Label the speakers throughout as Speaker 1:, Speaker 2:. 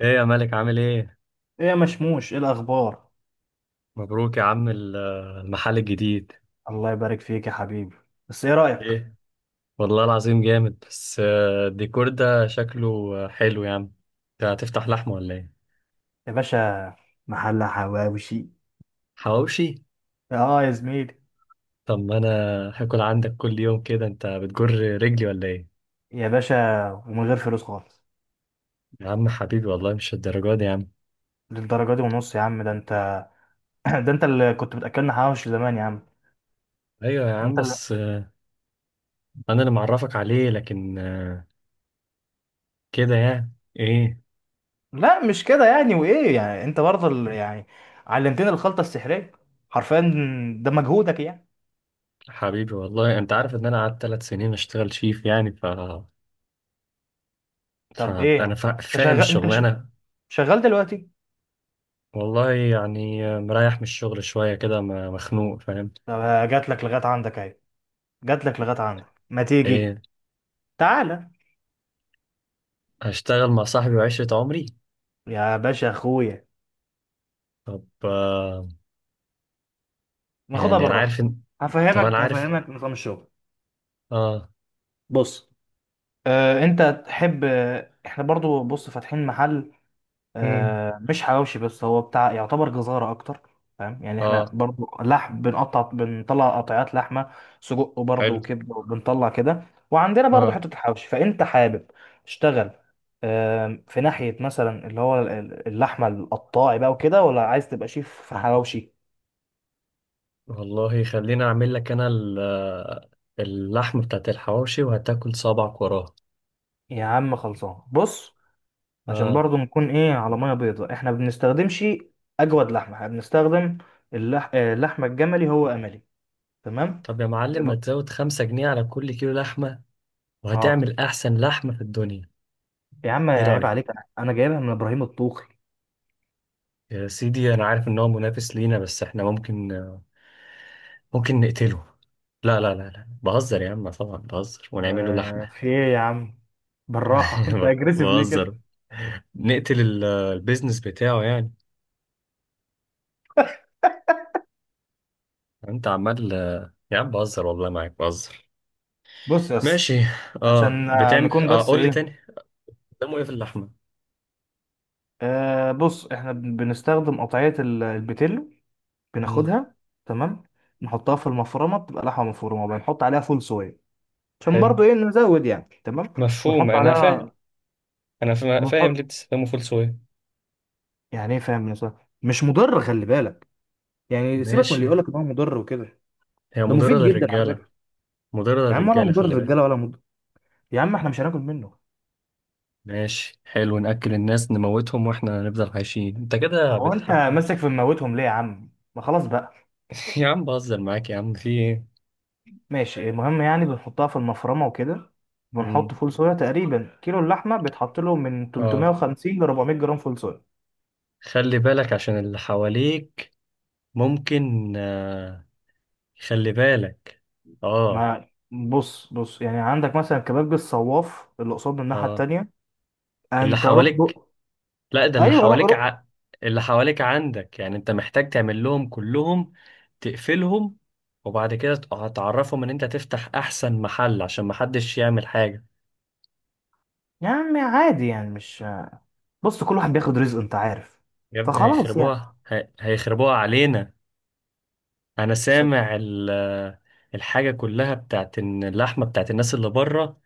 Speaker 1: ايه يا مالك، عامل ايه؟
Speaker 2: ايه يا مشموش؟ ايه الاخبار؟
Speaker 1: مبروك يا عم المحل الجديد.
Speaker 2: الله يبارك فيك يا حبيبي. بس ايه رايك؟
Speaker 1: ايه والله العظيم جامد، بس الديكور ده شكله حلو يا عم. انت هتفتح لحمة ولا ايه؟
Speaker 2: يا باشا، محل حواوشي.
Speaker 1: حواوشي؟
Speaker 2: اه يا زميلي.
Speaker 1: طب ما انا هاكل عندك كل يوم كده، انت بتجر رجلي ولا ايه؟
Speaker 2: يا باشا، ومن غير فلوس خالص.
Speaker 1: يا عم حبيبي والله مش الدرجات دي يا عم.
Speaker 2: للدرجه دي ونص يا عم، ده انت ده انت اللي كنت بتاكلنا حواوشي زمان يا عم.
Speaker 1: ايوه يا عم،
Speaker 2: انت اللي...
Speaker 1: بس انا اللي معرفك عليه، لكن كده يعني. ايه.
Speaker 2: لا مش كده يعني، وايه يعني؟ انت برضه اللي يعني علمتني الخلطه السحريه، حرفيا ده مجهودك يعني.
Speaker 1: حبيبي والله انت عارف ان انا قعدت 3 سنين اشتغل شيف، يعني
Speaker 2: طب
Speaker 1: فأنا
Speaker 2: ايه؟ انت
Speaker 1: فاهم
Speaker 2: شغال؟
Speaker 1: الشغلانة.
Speaker 2: شغال دلوقتي؟
Speaker 1: والله يعني مريح من الشغل شوية كده، مخنوق فاهم.
Speaker 2: طب جات لك لغايه عندك اهي، جات لك لغايه عندك، ما تيجي؟
Speaker 1: ايه.
Speaker 2: تعالى.
Speaker 1: هشتغل مع صاحبي وعشرة عمري.
Speaker 2: يا باشا اخويا،
Speaker 1: طب آه.
Speaker 2: ناخدها
Speaker 1: يعني انا
Speaker 2: بالراحه.
Speaker 1: عارف ان طب انا
Speaker 2: هفهمك
Speaker 1: عارف.
Speaker 2: هفهمك نظام الشغل.
Speaker 1: اه.
Speaker 2: بص، آه انت تحب؟ آه احنا برضو بص فاتحين محل،
Speaker 1: مم.
Speaker 2: آه مش حواوشي بس، هو بتاع يعتبر جزارة اكتر. فاهم؟ يعني احنا
Speaker 1: اه.
Speaker 2: برضو لحم بنقطع، بنطلع قطعات لحمه، سجق برضو،
Speaker 1: حلو.
Speaker 2: وكبده، وبنطلع كده. وعندنا برضو
Speaker 1: اه.
Speaker 2: حته الحواوشي، فانت حابب تشتغل آه في ناحيه مثلا اللي هو اللحمه القطاعي بقى وكده، ولا عايز تبقى شيف في حواوشي؟
Speaker 1: والله خليني اعمل لك انا اللحم بتاعت الحواوشي وهتاكل صابعك وراها.
Speaker 2: يا عم خلصان. بص، عشان
Speaker 1: اه.
Speaker 2: برضو نكون ايه على ميه بيضاء، احنا ما بنستخدمش اجود لحمه، احنا بنستخدم اللحمه الجملي هو املي. تمام.
Speaker 1: طب يا معلم،
Speaker 2: نب...
Speaker 1: ما تزود 5 جنيه على كل كيلو لحمة
Speaker 2: اه
Speaker 1: وهتعمل احسن لحمة في الدنيا.
Speaker 2: يا عم
Speaker 1: ايه
Speaker 2: عيب
Speaker 1: رأيك؟
Speaker 2: عليك، انا جايبها من ابراهيم الطوخي.
Speaker 1: يا سيدي انا عارف ان هو منافس لينا، بس احنا ممكن ممكن نقتله. لا لا لا لا، بهزر يا عم، طبعا بهزر ونعمله
Speaker 2: آه،
Speaker 1: لحمة.
Speaker 2: في ايه يا عم؟ بالراحة انت اجريسيف ليه كده؟
Speaker 1: بهزر. نقتل البيزنس بتاعه يعني. انت عمال. يا عم بهزر والله، معاك بهزر.
Speaker 2: بص يس،
Speaker 1: ماشي. اه.
Speaker 2: عشان آه،
Speaker 1: بتعمل
Speaker 2: نكون
Speaker 1: اه،
Speaker 2: بس
Speaker 1: قول لي
Speaker 2: ايه.
Speaker 1: تاني. قدامه ايه في اللحمة؟
Speaker 2: آه بص، احنا بنستخدم قطعية البتلو،
Speaker 1: مم.
Speaker 2: بناخدها. تمام. نحطها في المفرمة، بتبقى لحمة مفرومة، بنحط عليها فول صويا، عشان
Speaker 1: حلو.
Speaker 2: برضو ايه نزود يعني. تمام.
Speaker 1: مفهوم،
Speaker 2: بنحط
Speaker 1: انا فاهم.
Speaker 2: عليها
Speaker 1: انا فاهم ليه
Speaker 2: وبنحط،
Speaker 1: بتستخدمه فول صويا.
Speaker 2: يعني ايه؟ فاهم يا صاحبي، مش مضر، خلي بالك. يعني سيبك من اللي
Speaker 1: ماشي.
Speaker 2: يقول لك ان هو مضر وكده،
Speaker 1: هي
Speaker 2: ده
Speaker 1: مضرة
Speaker 2: مفيد جدا على
Speaker 1: للرجالة،
Speaker 2: فكره.
Speaker 1: مضرة
Speaker 2: يا عم ولا
Speaker 1: للرجالة،
Speaker 2: مضر
Speaker 1: خلي بالك.
Speaker 2: الرجاله ولا مضر، يا عم احنا مش هناكل منه.
Speaker 1: ماشي حلو، نأكل الناس نموتهم واحنا نفضل عايشين، انت كده
Speaker 2: هو انت
Speaker 1: بتتحكم.
Speaker 2: ماسك في مموتهم ليه يا عم؟ ما خلاص بقى.
Speaker 1: يا عم بهزر معاك، يا عم في ايه.
Speaker 2: ماشي، المهم يعني بنحطها في المفرمه وكده، بنحط
Speaker 1: مم.
Speaker 2: فول صويا، تقريبا كيلو اللحمه بيتحط له من
Speaker 1: اه،
Speaker 2: 350 ل 400 جرام فول صويا.
Speaker 1: خلي بالك عشان اللي حواليك. ممكن آه. خلي بالك. اه.
Speaker 2: ما بص بص يعني، عندك مثلا كباب الصواف اللي قصاد الناحيه
Speaker 1: اه.
Speaker 2: التانيه،
Speaker 1: اللي
Speaker 2: انت روح
Speaker 1: حواليك.
Speaker 2: بق.
Speaker 1: لا، ده اللي
Speaker 2: ايوه روح
Speaker 1: حواليك
Speaker 2: روح.
Speaker 1: اللي حواليك عندك، يعني انت محتاج تعمل لهم كلهم، تقفلهم. وبعد كده هتعرفهم ان انت تفتح احسن محل عشان محدش يعمل حاجة.
Speaker 2: يا عم عادي يعني، مش، بص كل واحد بياخد رزقه، انت عارف.
Speaker 1: يا ابني
Speaker 2: فخلاص يعني.
Speaker 1: هيخربوها، هيخربوها علينا. انا
Speaker 2: س-
Speaker 1: سامع الحاجة كلها بتاعت إن اللحمة بتاعت الناس اللي بره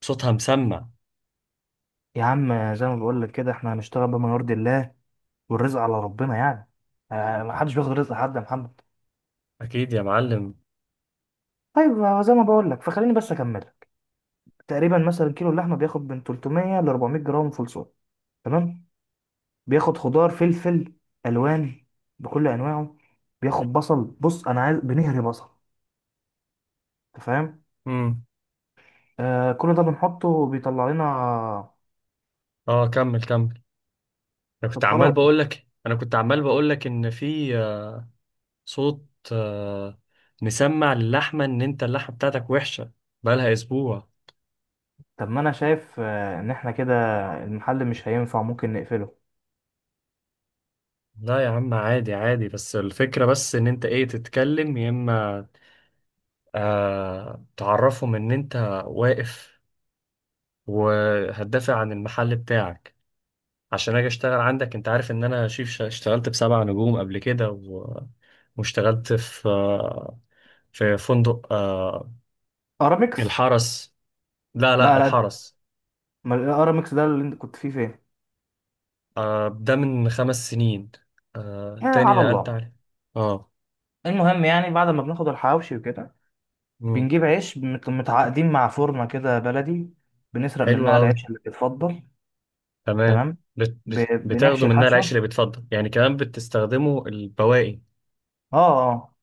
Speaker 1: صوتها مسمع.
Speaker 2: يا عم زي ما بقول لك كده، احنا هنشتغل بما يرضي الله، والرزق على ربنا يعني. آه، ما حدش بياخد رزق حد يا محمد.
Speaker 1: اكيد يا معلم.
Speaker 2: طيب آه، زي ما بقول لك، فخليني بس اكمل لك. تقريبا مثلا كيلو اللحمه بياخد من 300 ل 400 جرام فول صويا، تمام. بياخد خضار، فلفل الوان بكل انواعه، بياخد بصل، بص انا عايز بنهري بصل. انت فاهم؟
Speaker 1: امم.
Speaker 2: آه كل ده بنحطه، بيطلع لنا.
Speaker 1: اه، كمل كمل. انا كنت
Speaker 2: طب
Speaker 1: عمال
Speaker 2: خلاص،
Speaker 1: بقول لك، انا كنت عمال بقول لك، ان في صوت مسمع للحمه ان انت اللحمه بتاعتك وحشه بقالها اسبوع.
Speaker 2: طب ما انا شايف آه، ان احنا كده المحل مش هينفع، ممكن نقفله.
Speaker 1: لا يا عم عادي عادي، بس الفكره بس ان انت ايه، تتكلم. يا اما تعرفهم ان انت واقف وهتدافع عن المحل بتاعك عشان اجي اشتغل عندك. انت عارف ان انا شيف، اشتغلت بسبع نجوم قبل كده و... واشتغلت في في فندق آه
Speaker 2: ارامكس.
Speaker 1: الحرس. لا لا
Speaker 2: لا لا لا.
Speaker 1: الحرس.
Speaker 2: ما الارامكس ده اللي انت كنت فيه فين؟
Speaker 1: آه ده من 5 سنين.
Speaker 2: آه،
Speaker 1: آه تاني
Speaker 2: على
Speaker 1: نقلت
Speaker 2: الله.
Speaker 1: عليه. اه.
Speaker 2: المهم يعني بعد ما بناخد الحواوشي وكده،
Speaker 1: مم.
Speaker 2: بنجيب عيش متعاقدين مع فرنة كده بلدي، بنسرق
Speaker 1: حلو
Speaker 2: منها
Speaker 1: قوي.
Speaker 2: العيش اللي بيتفضل.
Speaker 1: تمام.
Speaker 2: تمام.
Speaker 1: بت بت
Speaker 2: بنحشي
Speaker 1: بتاخده منها العيش
Speaker 2: الحشوة.
Speaker 1: اللي بيتفضل يعني، كمان بتستخدمه البواقي.
Speaker 2: اه اه.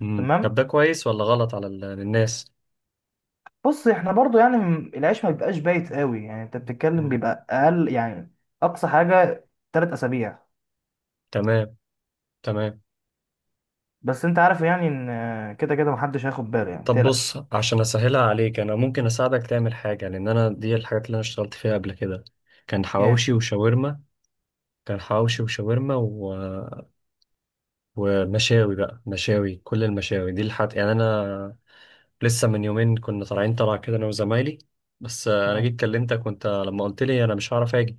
Speaker 1: مم. طب
Speaker 2: تمام.
Speaker 1: ده كويس ولا غلط على الناس؟
Speaker 2: بص احنا برضو يعني، العيش ما بيبقاش بايت قوي يعني، انت بتتكلم
Speaker 1: مم.
Speaker 2: بيبقى اقل يعني، اقصى حاجة 3 اسابيع.
Speaker 1: تمام. تمام.
Speaker 2: بس انت عارف يعني ان كده كده محدش هياخد باله يعني،
Speaker 1: طب بص،
Speaker 2: متقلقش.
Speaker 1: عشان اسهلها عليك انا ممكن اساعدك تعمل حاجه، لان انا دي الحاجات اللي انا اشتغلت فيها قبل كده. كان
Speaker 2: ايه.
Speaker 1: حواوشي وشاورما. كان حواوشي وشاورما ومشاوي. بقى مشاوي، كل المشاوي دي الحاجات، يعني انا لسه من يومين كنا طالعين طلع كده انا وزمايلي. بس انا
Speaker 2: مم.
Speaker 1: جيت كلمتك، وانت لما قلت لي انا مش هعرف اجي.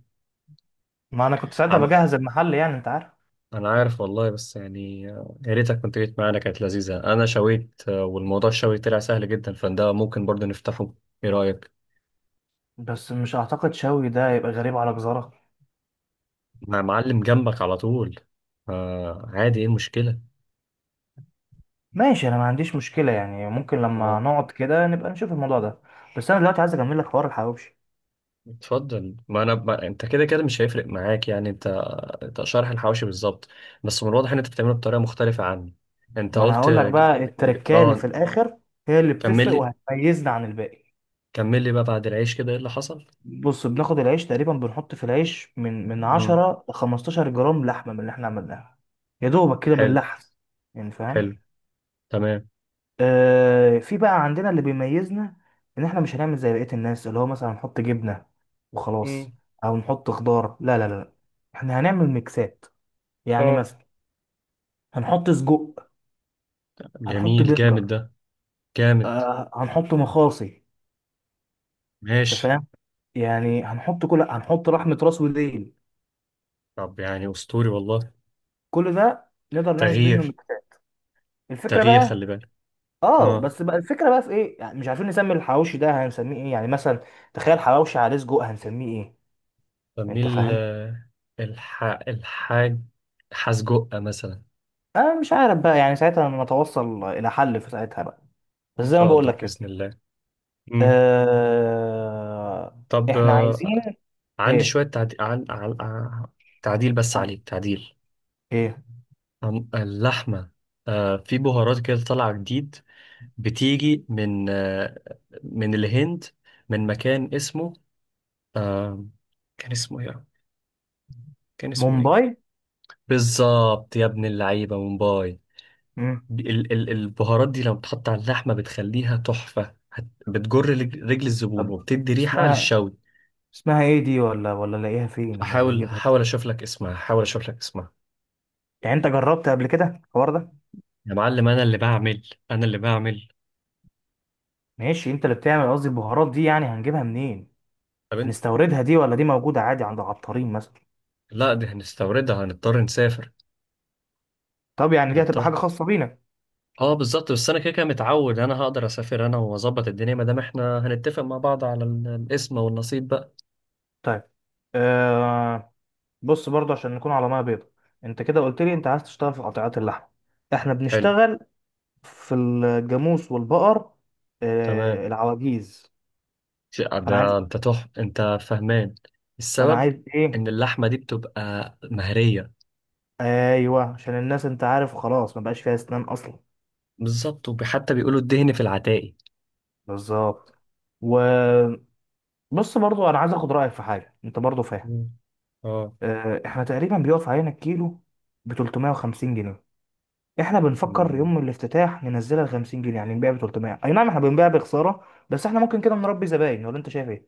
Speaker 2: ما انا كنت ساعتها
Speaker 1: عم...
Speaker 2: بجهز المحل يعني، انت عارف.
Speaker 1: انا عارف والله، بس يعني يا ريتك كنت جيت معانا، كانت لذيذة. انا شويت والموضوع الشوي طلع سهل جدا، فده ممكن برضه نفتحه. ايه رأيك؟
Speaker 2: بس مش اعتقد شوي ده يبقى غريب على جزارة.
Speaker 1: مع معلم جنبك على طول. آه عادي، ايه المشكلة.
Speaker 2: ماشي، انا ما عنديش مشكلة يعني، ممكن لما
Speaker 1: اه
Speaker 2: نقعد كده نبقى نشوف الموضوع ده. بس انا دلوقتي عايز اكمل لك حوار الحواوشي.
Speaker 1: اتفضل. ما انا ما... انت كده كده مش هيفرق معاك يعني. انت شرح الحواشي بالظبط، بس من الواضح ان انت بتعمله بطريقه مختلفه عني. انت
Speaker 2: ما انا
Speaker 1: قلت
Speaker 2: هقول لك بقى، التركايه اللي في
Speaker 1: اه.
Speaker 2: الاخر هي اللي
Speaker 1: كمل
Speaker 2: بتفرق
Speaker 1: لي،
Speaker 2: وهتميزنا عن الباقي.
Speaker 1: كمل لي بقى، بعد العيش كده ايه اللي حصل؟
Speaker 2: بص، بناخد العيش تقريبا، بنحط في العيش من
Speaker 1: امم.
Speaker 2: 10 ل 15 جرام لحمة من اللي احنا عملناها. يا دوبك كده
Speaker 1: حلو.
Speaker 2: بنلحس، يعني
Speaker 1: حلو.
Speaker 2: فاهم.
Speaker 1: تمام.
Speaker 2: آه، في بقى عندنا اللي بيميزنا، ان احنا مش هنعمل زي بقية الناس اللي هو مثلا نحط جبنة
Speaker 1: امم.
Speaker 2: وخلاص، او نحط خضار. لا لا لا لا، احنا هنعمل ميكسات. يعني
Speaker 1: اه.
Speaker 2: مثلا هنحط سجق، هنحط
Speaker 1: جميل، جامد
Speaker 2: برجر،
Speaker 1: ده. جامد.
Speaker 2: آه هنحط مخاصي. انت
Speaker 1: ماشي.
Speaker 2: فاهم؟ يعني هنحط كل، هنحط لحمة راس وديل،
Speaker 1: طب يعني اسطوري والله.
Speaker 2: كل ده نقدر نعمل منه
Speaker 1: تغيير.
Speaker 2: ميكسات. الفكرة
Speaker 1: تغيير
Speaker 2: بقى،
Speaker 1: خلي بالك.
Speaker 2: اه
Speaker 1: اه،
Speaker 2: بس بقى الفكرة بقى في ايه؟ يعني مش عارفين نسمي الحواوشي ده هنسميه ايه يعني، مثلا تخيل حواوشي عليه سجق هنسميه ايه؟ انت
Speaker 1: بميل
Speaker 2: فاهم.
Speaker 1: الحاج حسجقة مثلا.
Speaker 2: أه مش عارف بقى، يعني ساعتها نتوصل إلى حل في ساعتها بقى. بس
Speaker 1: ان
Speaker 2: زي ما
Speaker 1: شاء
Speaker 2: بقول
Speaker 1: الله
Speaker 2: لك كده.
Speaker 1: باذن الله. امم.
Speaker 2: أه.
Speaker 1: طب
Speaker 2: إحنا عايزين
Speaker 1: عندي
Speaker 2: إيه؟
Speaker 1: شوية تعديل تعديل بس
Speaker 2: عن-
Speaker 1: عليك، تعديل
Speaker 2: إيه؟
Speaker 1: اللحمة. في بهارات كده طالعة جديد، بتيجي من من الهند، من مكان اسمه آه كان اسمه ايه، كان اسمه ايه.
Speaker 2: مومباي.
Speaker 1: بالظبط يا ابن اللعيبة، مومباي.
Speaker 2: مم.
Speaker 1: البهارات دي لما بتحط على اللحمة بتخليها تحفة، بتجر رجل الزبون
Speaker 2: طب
Speaker 1: وبتدي ريحة
Speaker 2: اسمها،
Speaker 1: للشوي.
Speaker 2: اسمها إيه دي؟ ولا ولا نلاقيها فين؟ ولا
Speaker 1: هحاول،
Speaker 2: نجيبها
Speaker 1: هحاول
Speaker 2: فين؟
Speaker 1: اشوف لك اسمها، هحاول اشوف لك اسمها.
Speaker 2: يعني أنت جربت قبل كده الحوار ده؟
Speaker 1: يا معلم، انا اللي بعمل، انا اللي بعمل.
Speaker 2: ماشي أنت اللي بتعمل. قصدي البهارات دي يعني هنجيبها منين؟
Speaker 1: طب.
Speaker 2: هنستوردها دي، ولا دي موجودة عادي عند عطارين مثلا؟
Speaker 1: لا دي هنستوردها، هنضطر نسافر.
Speaker 2: طب يعني دي هتبقى
Speaker 1: هنضطر.
Speaker 2: حاجة خاصة بينا.
Speaker 1: اه بالظبط، بس انا كده كده متعود، انا هقدر اسافر انا واظبط الدنيا، ما دام احنا هنتفق مع بعض على الاسم والنصيب بقى.
Speaker 2: طيب أه. بص برضه عشان نكون على ميه بيضاء، انت كده قلت لي انت عايز تشتغل في قطيعات اللحم، احنا
Speaker 1: حلو.
Speaker 2: بنشتغل في الجاموس والبقر، آه
Speaker 1: تمام.
Speaker 2: العواجيز.
Speaker 1: ش-
Speaker 2: فانا عايز،
Speaker 1: ده انت فهمان
Speaker 2: فانا
Speaker 1: السبب
Speaker 2: عايز ايه،
Speaker 1: ان اللحمه دي بتبقى مهريه.
Speaker 2: ايوه عشان الناس، انت عارف خلاص ما بقاش فيها اسنان اصلا.
Speaker 1: بالظبط، وحتى بيقولوا الدهن في العتاقي.
Speaker 2: بالظبط. وبص، برضه انا عايز اخد رايك في حاجه، انت برضه فاهم.
Speaker 1: مم. اه.
Speaker 2: آه احنا تقريبا بيقف علينا الكيلو ب 350 جنيه، احنا بنفكر
Speaker 1: مم.
Speaker 2: يوم الافتتاح ننزلها ب 50 جنيه، يعني نبيع ب 300. اي نعم، احنا بنبيع بخساره، بس احنا ممكن كده نربي زباين، ولا انت شايف ايه؟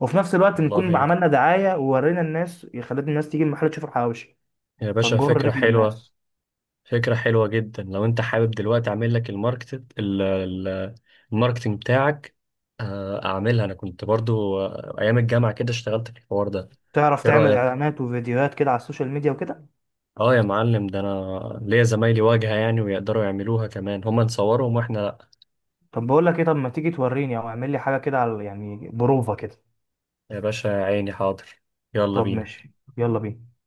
Speaker 2: وفي نفس الوقت نكون
Speaker 1: والله
Speaker 2: عملنا دعايه، وورينا الناس، خلينا الناس تيجي المحل تشوف الحواوشي،
Speaker 1: يا باشا
Speaker 2: فنجر
Speaker 1: فكره
Speaker 2: رجل
Speaker 1: حلوه،
Speaker 2: الناس.
Speaker 1: فكرة حلوة جدا. لو انت حابب دلوقتي اعمل لك الماركت ال- ال- الماركتنج بتاعك اعملها. انا كنت برضو ايام الجامعة كده اشتغلت في الحوار ده.
Speaker 2: تعرف
Speaker 1: ايه
Speaker 2: تعمل
Speaker 1: رأيك؟
Speaker 2: اعلانات وفيديوهات كده على السوشيال ميديا وكده؟
Speaker 1: اه يا معلم، ده انا ليا زمايلي واجهة يعني، ويقدروا يعملوها كمان هما، نصورهم واحنا لا.
Speaker 2: طب بقول لك ايه، طب ما تيجي توريني، او اعمل لي حاجه كده على يعني بروفه كده.
Speaker 1: يا باشا يا عيني، حاضر. يلا
Speaker 2: طب
Speaker 1: بينا.
Speaker 2: ماشي، يلا بينا.